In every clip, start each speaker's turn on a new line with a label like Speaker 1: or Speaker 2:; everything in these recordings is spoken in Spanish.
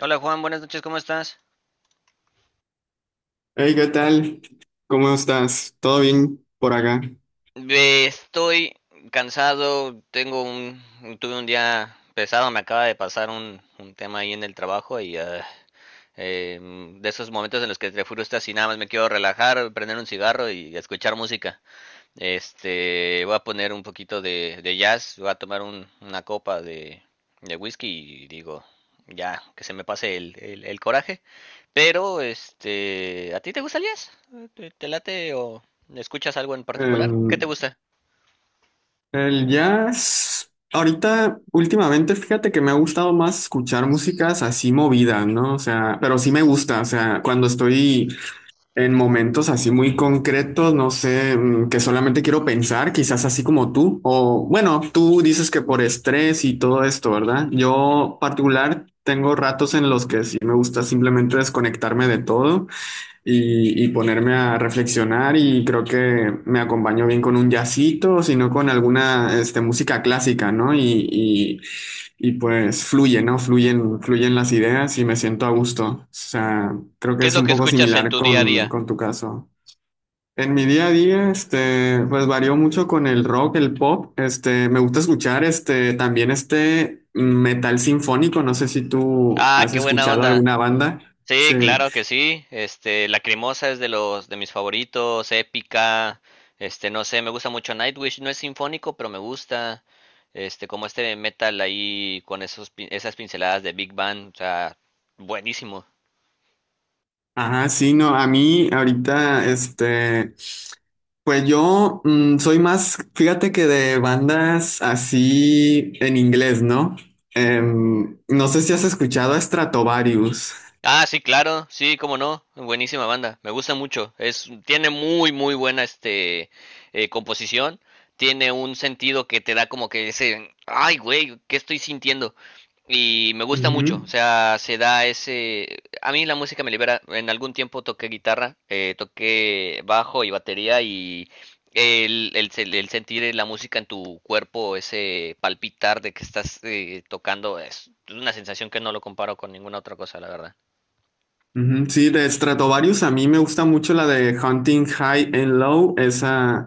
Speaker 1: Hola Juan, buenas noches, ¿cómo estás?
Speaker 2: Hey, ¿qué tal? ¿Cómo estás? ¿Todo bien por acá?
Speaker 1: Estoy cansado, tuve un día pesado, me acaba de pasar un tema ahí en el trabajo y de esos momentos en los que te frustras y nada más me quiero relajar, prender un cigarro y escuchar música. Este, voy a poner un poquito de jazz, voy a tomar una copa de whisky y digo, ya, que se me pase el coraje. Pero, este, ¿a ti te gusta el jazz? ¿Te late o escuchas algo en particular? ¿Qué te
Speaker 2: Em,
Speaker 1: gusta?
Speaker 2: el jazz, ahorita, últimamente, fíjate que me ha gustado más escuchar músicas así movidas, ¿no? O sea, pero sí me gusta, o sea, cuando estoy en momentos así muy concretos, no sé, que solamente quiero pensar, quizás así como tú, o bueno, tú dices que por estrés y todo esto, ¿verdad?
Speaker 1: Ujú.
Speaker 2: Yo particular tengo ratos en los que sí me gusta simplemente desconectarme de todo y ponerme a reflexionar y creo que me acompañó bien con un jazzito, sino con alguna este, música clásica, ¿no? Y, y pues fluye, ¿no? Fluyen las ideas y me siento a gusto. O sea, creo que
Speaker 1: ¿Qué es
Speaker 2: es
Speaker 1: lo
Speaker 2: un
Speaker 1: que
Speaker 2: poco
Speaker 1: escuchas en
Speaker 2: similar
Speaker 1: tu día a
Speaker 2: con,
Speaker 1: día?
Speaker 2: con tu caso. En mi día a día, este, pues varió mucho con el rock, el pop. Este, me gusta escuchar, este, también este metal sinfónico. No sé si tú
Speaker 1: Ah,
Speaker 2: has
Speaker 1: qué buena
Speaker 2: escuchado
Speaker 1: onda.
Speaker 2: alguna banda.
Speaker 1: Sí,
Speaker 2: Sí.
Speaker 1: claro que sí. Este, Lacrimosa es de los de mis favoritos, épica. Este, no sé, me gusta mucho Nightwish, no es sinfónico, pero me gusta. Este, como este metal ahí con esas pinceladas de Big Bang, o sea, buenísimo.
Speaker 2: Ajá, sí, no, a mí ahorita, este, pues yo soy más, fíjate que de bandas así en inglés, ¿no? No sé si has escuchado a Stratovarius.
Speaker 1: Ah, sí, claro, sí, cómo no, buenísima banda, me gusta mucho, es, tiene muy, muy buena composición, tiene un sentido que te da como que ese, ay, güey, ¿qué estoy sintiendo? Y me gusta mucho, o
Speaker 2: Ujú.
Speaker 1: sea, se da ese. A mí la música me libera. En algún tiempo toqué guitarra, toqué bajo y batería y el sentir la música en tu cuerpo, ese palpitar de que estás tocando, es una sensación que no lo comparo con ninguna otra cosa, la verdad.
Speaker 2: Ujú, sí, de Stratovarius a mí me gusta mucho la de Hunting High and Low, esa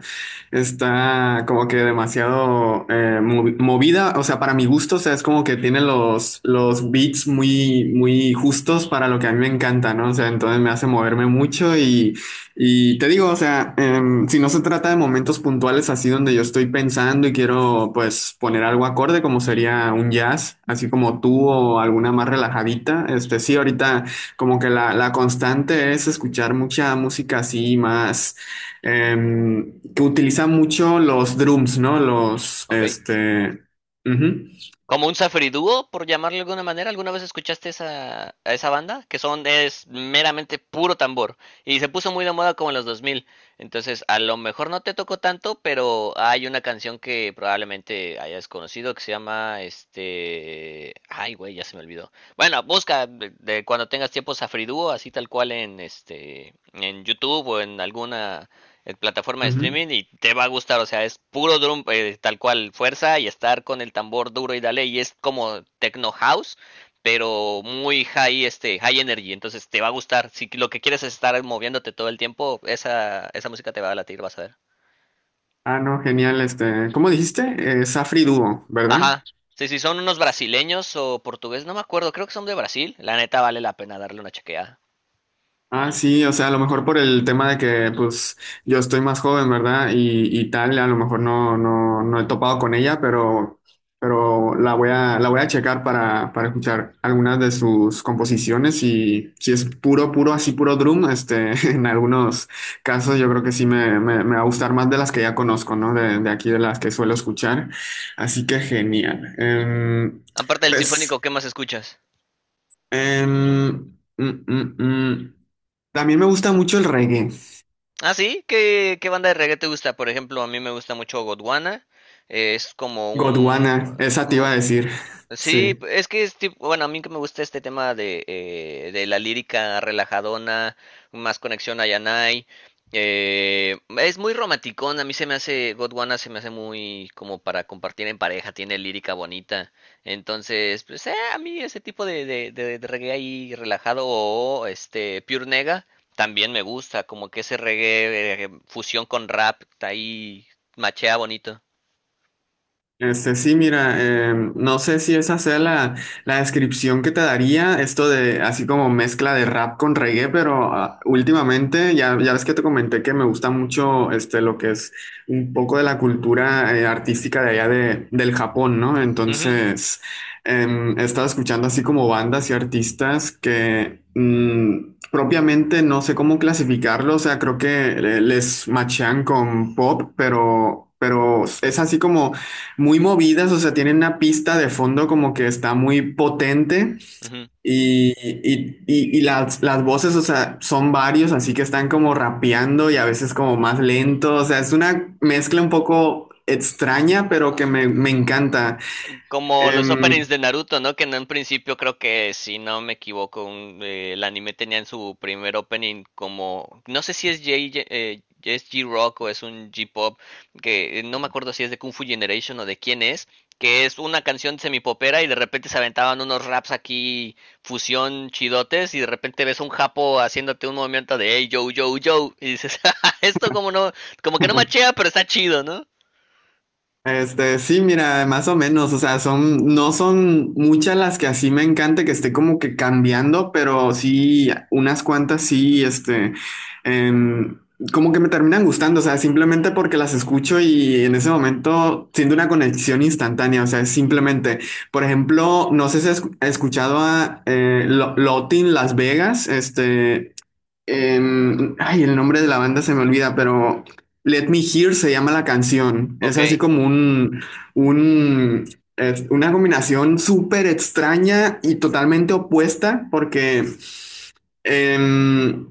Speaker 2: está como que demasiado movida, o sea, para mi gusto, o sea, es como que tiene los, beats muy, muy justos para lo que a mí me encanta, ¿no? O sea, entonces me hace moverme mucho y te digo, o sea, si no se trata de momentos puntuales así donde yo estoy pensando y quiero pues poner algo acorde como sería un jazz, así como tú o alguna más relajadita, este sí, ahorita. Como que la constante es escuchar mucha música así más que utiliza mucho los drums, ¿no? Los,
Speaker 1: Ok.
Speaker 2: este, ujú,
Speaker 1: Como un Safri Duo, por llamarlo de alguna manera. ¿Alguna vez escuchaste a esa banda? Que son, es meramente puro tambor. Y se puso muy de moda como en los 2000. Entonces, a lo mejor no te tocó tanto, pero hay una canción que probablemente hayas conocido que se llama. Ay, güey, ya se me olvidó. Bueno, busca de cuando tengas tiempo Safri Duo, así tal cual en YouTube o en alguna en plataforma de
Speaker 2: ujú.
Speaker 1: streaming y te va a gustar. O sea, es puro drum, tal cual, fuerza y estar con el tambor duro y dale. Y es como techno house, pero muy high energy. Entonces te va a gustar. Si lo que quieres es estar moviéndote todo el tiempo, esa música te va a latir, vas a ver.
Speaker 2: Ah, no, genial, este, ¿cómo dijiste? Safri Duo, ¿verdad?
Speaker 1: Ajá. Sí, sí, son unos brasileños o portugués, no me acuerdo, creo que son de Brasil. La neta vale la pena darle una chequeada.
Speaker 2: Ah, sí, o sea, a lo mejor por el tema de que, pues, yo estoy más joven, ¿verdad? Y tal, a lo mejor no, no, no he topado con ella, pero la voy a, checar para escuchar algunas de sus composiciones y si es puro, puro, así puro drum, este, en algunos casos yo creo que sí me, va a gustar más de las que ya conozco, ¿no? de aquí, de las que suelo escuchar. Así que genial. Em,
Speaker 1: Aparte del
Speaker 2: pues,
Speaker 1: sinfónico, ¿qué más escuchas?
Speaker 2: em, mm, mm, mm. También me gusta mucho el reggae.
Speaker 1: Ah, sí, ¿Qué banda de reggae te gusta? Por ejemplo, a mí me gusta mucho Godwana. Es como un,
Speaker 2: Gondwana, esa te iba a decir. Sí.
Speaker 1: sí, es que es tipo, bueno, a mí que me gusta este tema de la lírica relajadona, más conexión a Yanai. Es muy romanticón, a mí se me hace, Gondwana se me hace muy como para compartir en pareja, tiene lírica bonita. Entonces, pues a mí ese tipo de reggae ahí relajado o este Pure Nega también me gusta, como que ese reggae fusión con rap, ahí machea bonito.
Speaker 2: Este, sí, mira, no sé si esa sea la, descripción que te daría, esto de así como mezcla de rap con reggae, pero últimamente ya, ya ves que te comenté que me gusta mucho este, lo que es un poco de la cultura artística de allá del Japón, ¿no?
Speaker 1: Ujú,
Speaker 2: Entonces, he estado escuchando así como bandas y artistas que propiamente no sé cómo clasificarlo, o sea, creo que les machean con pop, Pero es así como muy movidas, o sea, tienen una pista de fondo como que está muy potente
Speaker 1: ujú.
Speaker 2: y las, voces, o sea, son varios, así que están como rapeando y a veces como más lento, o sea, es una mezcla un poco extraña, pero que me encanta.
Speaker 1: Como los
Speaker 2: Em,
Speaker 1: openings de Naruto, ¿no? Que en un principio creo que, si no me equivoco, el anime tenía en su primer opening como, no sé si es J, es G-Rock o es un j pop que no me acuerdo si es de Kung Fu Generation o de quién es, que es una canción semipopera y de repente se aventaban unos raps aquí, fusión chidotes, y de repente ves un japo haciéndote un movimiento de hey, yo, y dices, esto como no, como que no machea, pero está chido, ¿no?
Speaker 2: Este, sí, mira, más o menos, o sea, no son muchas las que así me encanta que esté como que cambiando, pero sí, unas cuantas sí, este, em, como que me terminan gustando, o sea, simplemente porque las escucho y en ese momento siento una conexión instantánea, o sea, es simplemente, por ejemplo, no sé si has escuchado a Lotin Las Vegas, este, ay, el nombre de la banda se me olvida, pero Let Me Hear se llama la canción. Es
Speaker 1: Ok,
Speaker 2: así como un, es una combinación súper extraña y totalmente opuesta, porque em,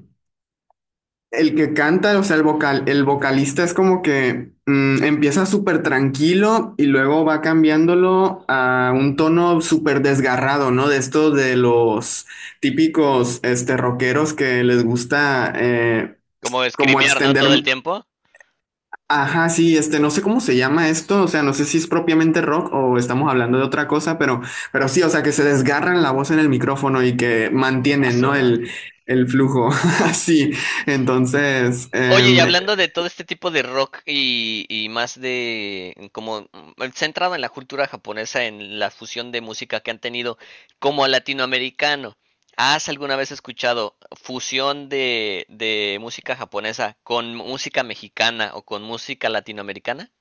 Speaker 2: el que canta, o sea, el vocal, el vocalista es como que empieza súper tranquilo y luego va cambiándolo a un tono súper desgarrado, ¿no? De estos de los típicos este, rockeros que les gusta
Speaker 1: como
Speaker 2: como
Speaker 1: escrimear, ¿no?
Speaker 2: extender,
Speaker 1: Todo el tiempo.
Speaker 2: ajá, sí, este, no sé cómo se llama esto, o sea, no sé si es propiamente rock o estamos hablando de otra cosa, pero sí, o sea, que se desgarran la voz en el micrófono y que
Speaker 1: A
Speaker 2: mantienen,
Speaker 1: su
Speaker 2: ¿no?
Speaker 1: madre.
Speaker 2: El flujo, así. Entonces,
Speaker 1: Oye, y hablando de todo este tipo de rock y más de como centrado en la cultura japonesa, en la fusión de música que han tenido como latinoamericano, ¿has alguna vez escuchado fusión de música japonesa con música mexicana o con música latinoamericana?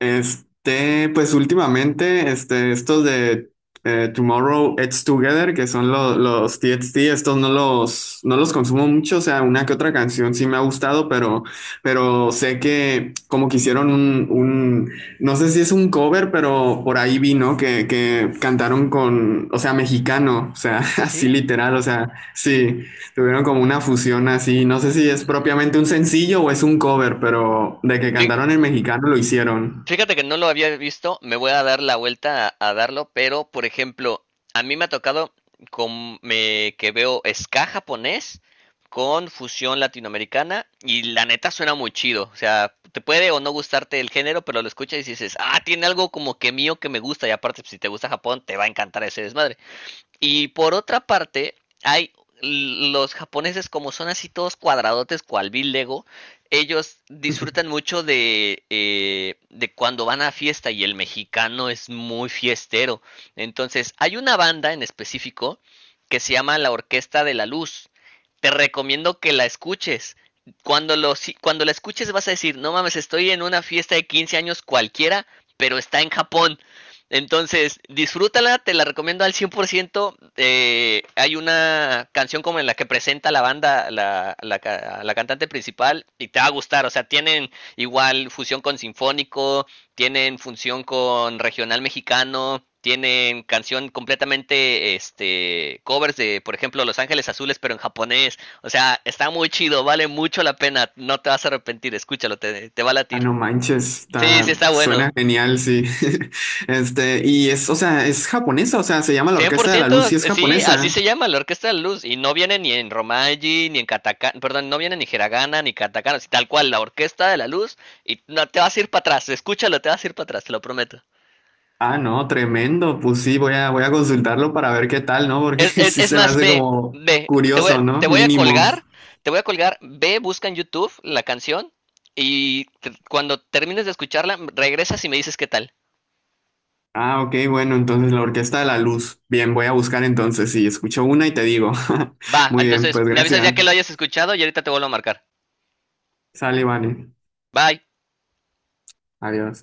Speaker 2: este, pues últimamente, este, estos de Tomorrow It's Together, que son los TXT, estos no los, no los consumo mucho, o sea, una que otra canción sí me ha gustado, pero sé que como que hicieron no sé si es un cover, pero por ahí vi, ¿no? Que cantaron con, o sea, mexicano, o sea,
Speaker 1: ¿Ah,
Speaker 2: así
Speaker 1: sí?
Speaker 2: literal, o sea, sí. Tuvieron como una fusión así, no sé si es propiamente un sencillo o es un cover, pero de que
Speaker 1: Sí.
Speaker 2: cantaron en mexicano lo hicieron.
Speaker 1: Fíjate que no lo había visto, me voy a dar la vuelta a darlo, pero por ejemplo, a mí me ha tocado que veo ska japonés con fusión latinoamericana y la neta suena muy chido, o sea, te puede o no gustarte el género, pero lo escuchas y dices, ah, tiene algo como que mío que me gusta y aparte pues, si te gusta Japón te va a encantar ese desmadre. Y por otra parte, hay los japoneses como son así todos cuadradotes cual Bill Lego, ellos disfrutan mucho de cuando van a fiesta y el mexicano es muy fiestero. Entonces, hay una banda en específico que se llama La Orquesta de la Luz. Te recomiendo que la escuches. Cuando, lo, si- cuando la escuches vas a decir, no mames, estoy en una fiesta de 15 años cualquiera, pero está en Japón. Entonces, disfrútala, te la recomiendo al 100%. Hay una canción como en la que presenta la banda, la cantante principal, y te va a gustar. O sea, tienen igual fusión con sinfónico, tienen fusión con regional mexicano, tienen canción completamente, este, covers de, por ejemplo, Los Ángeles Azules, pero en japonés. O sea, está muy chido, vale mucho la pena. No te vas a arrepentir, escúchalo, te va a
Speaker 2: Ah,
Speaker 1: latir.
Speaker 2: no manches,
Speaker 1: Sí, sí,
Speaker 2: está,
Speaker 1: está
Speaker 2: suena
Speaker 1: bueno.
Speaker 2: genial, sí. Este, y es, o sea, es japonesa, o sea, se llama la
Speaker 1: Cien por
Speaker 2: Orquesta de la
Speaker 1: ciento
Speaker 2: Luz y es
Speaker 1: sí, así se
Speaker 2: japonesa.
Speaker 1: llama la Orquesta de la Luz. Y no viene ni en Romaji, ni en Katakana, perdón, no viene ni Hiragana, ni Katakana, así tal cual, la Orquesta de la Luz. Y no, te vas a ir para atrás, escúchalo, te vas a ir para atrás, te lo prometo.
Speaker 2: Ah, no, tremendo, pues sí, voy a, consultarlo para ver qué tal, ¿no? Porque sí
Speaker 1: Es
Speaker 2: se me
Speaker 1: más,
Speaker 2: hace como
Speaker 1: ve, te voy,
Speaker 2: curioso, ¿no?
Speaker 1: te voy a
Speaker 2: Mínimo.
Speaker 1: colgar, te voy a colgar, ve, busca en YouTube la canción y cuando termines de escucharla, regresas y me dices qué tal.
Speaker 2: Ah, ok, bueno, entonces la Orquesta de la Luz. Bien, voy a buscar entonces, sí, escucho una y te digo.
Speaker 1: Va,
Speaker 2: Muy bien,
Speaker 1: entonces
Speaker 2: pues
Speaker 1: me avisas ya
Speaker 2: gracias.
Speaker 1: que lo hayas escuchado y ahorita te vuelvo a marcar.
Speaker 2: Sale, vale.
Speaker 1: Bye.
Speaker 2: Adiós.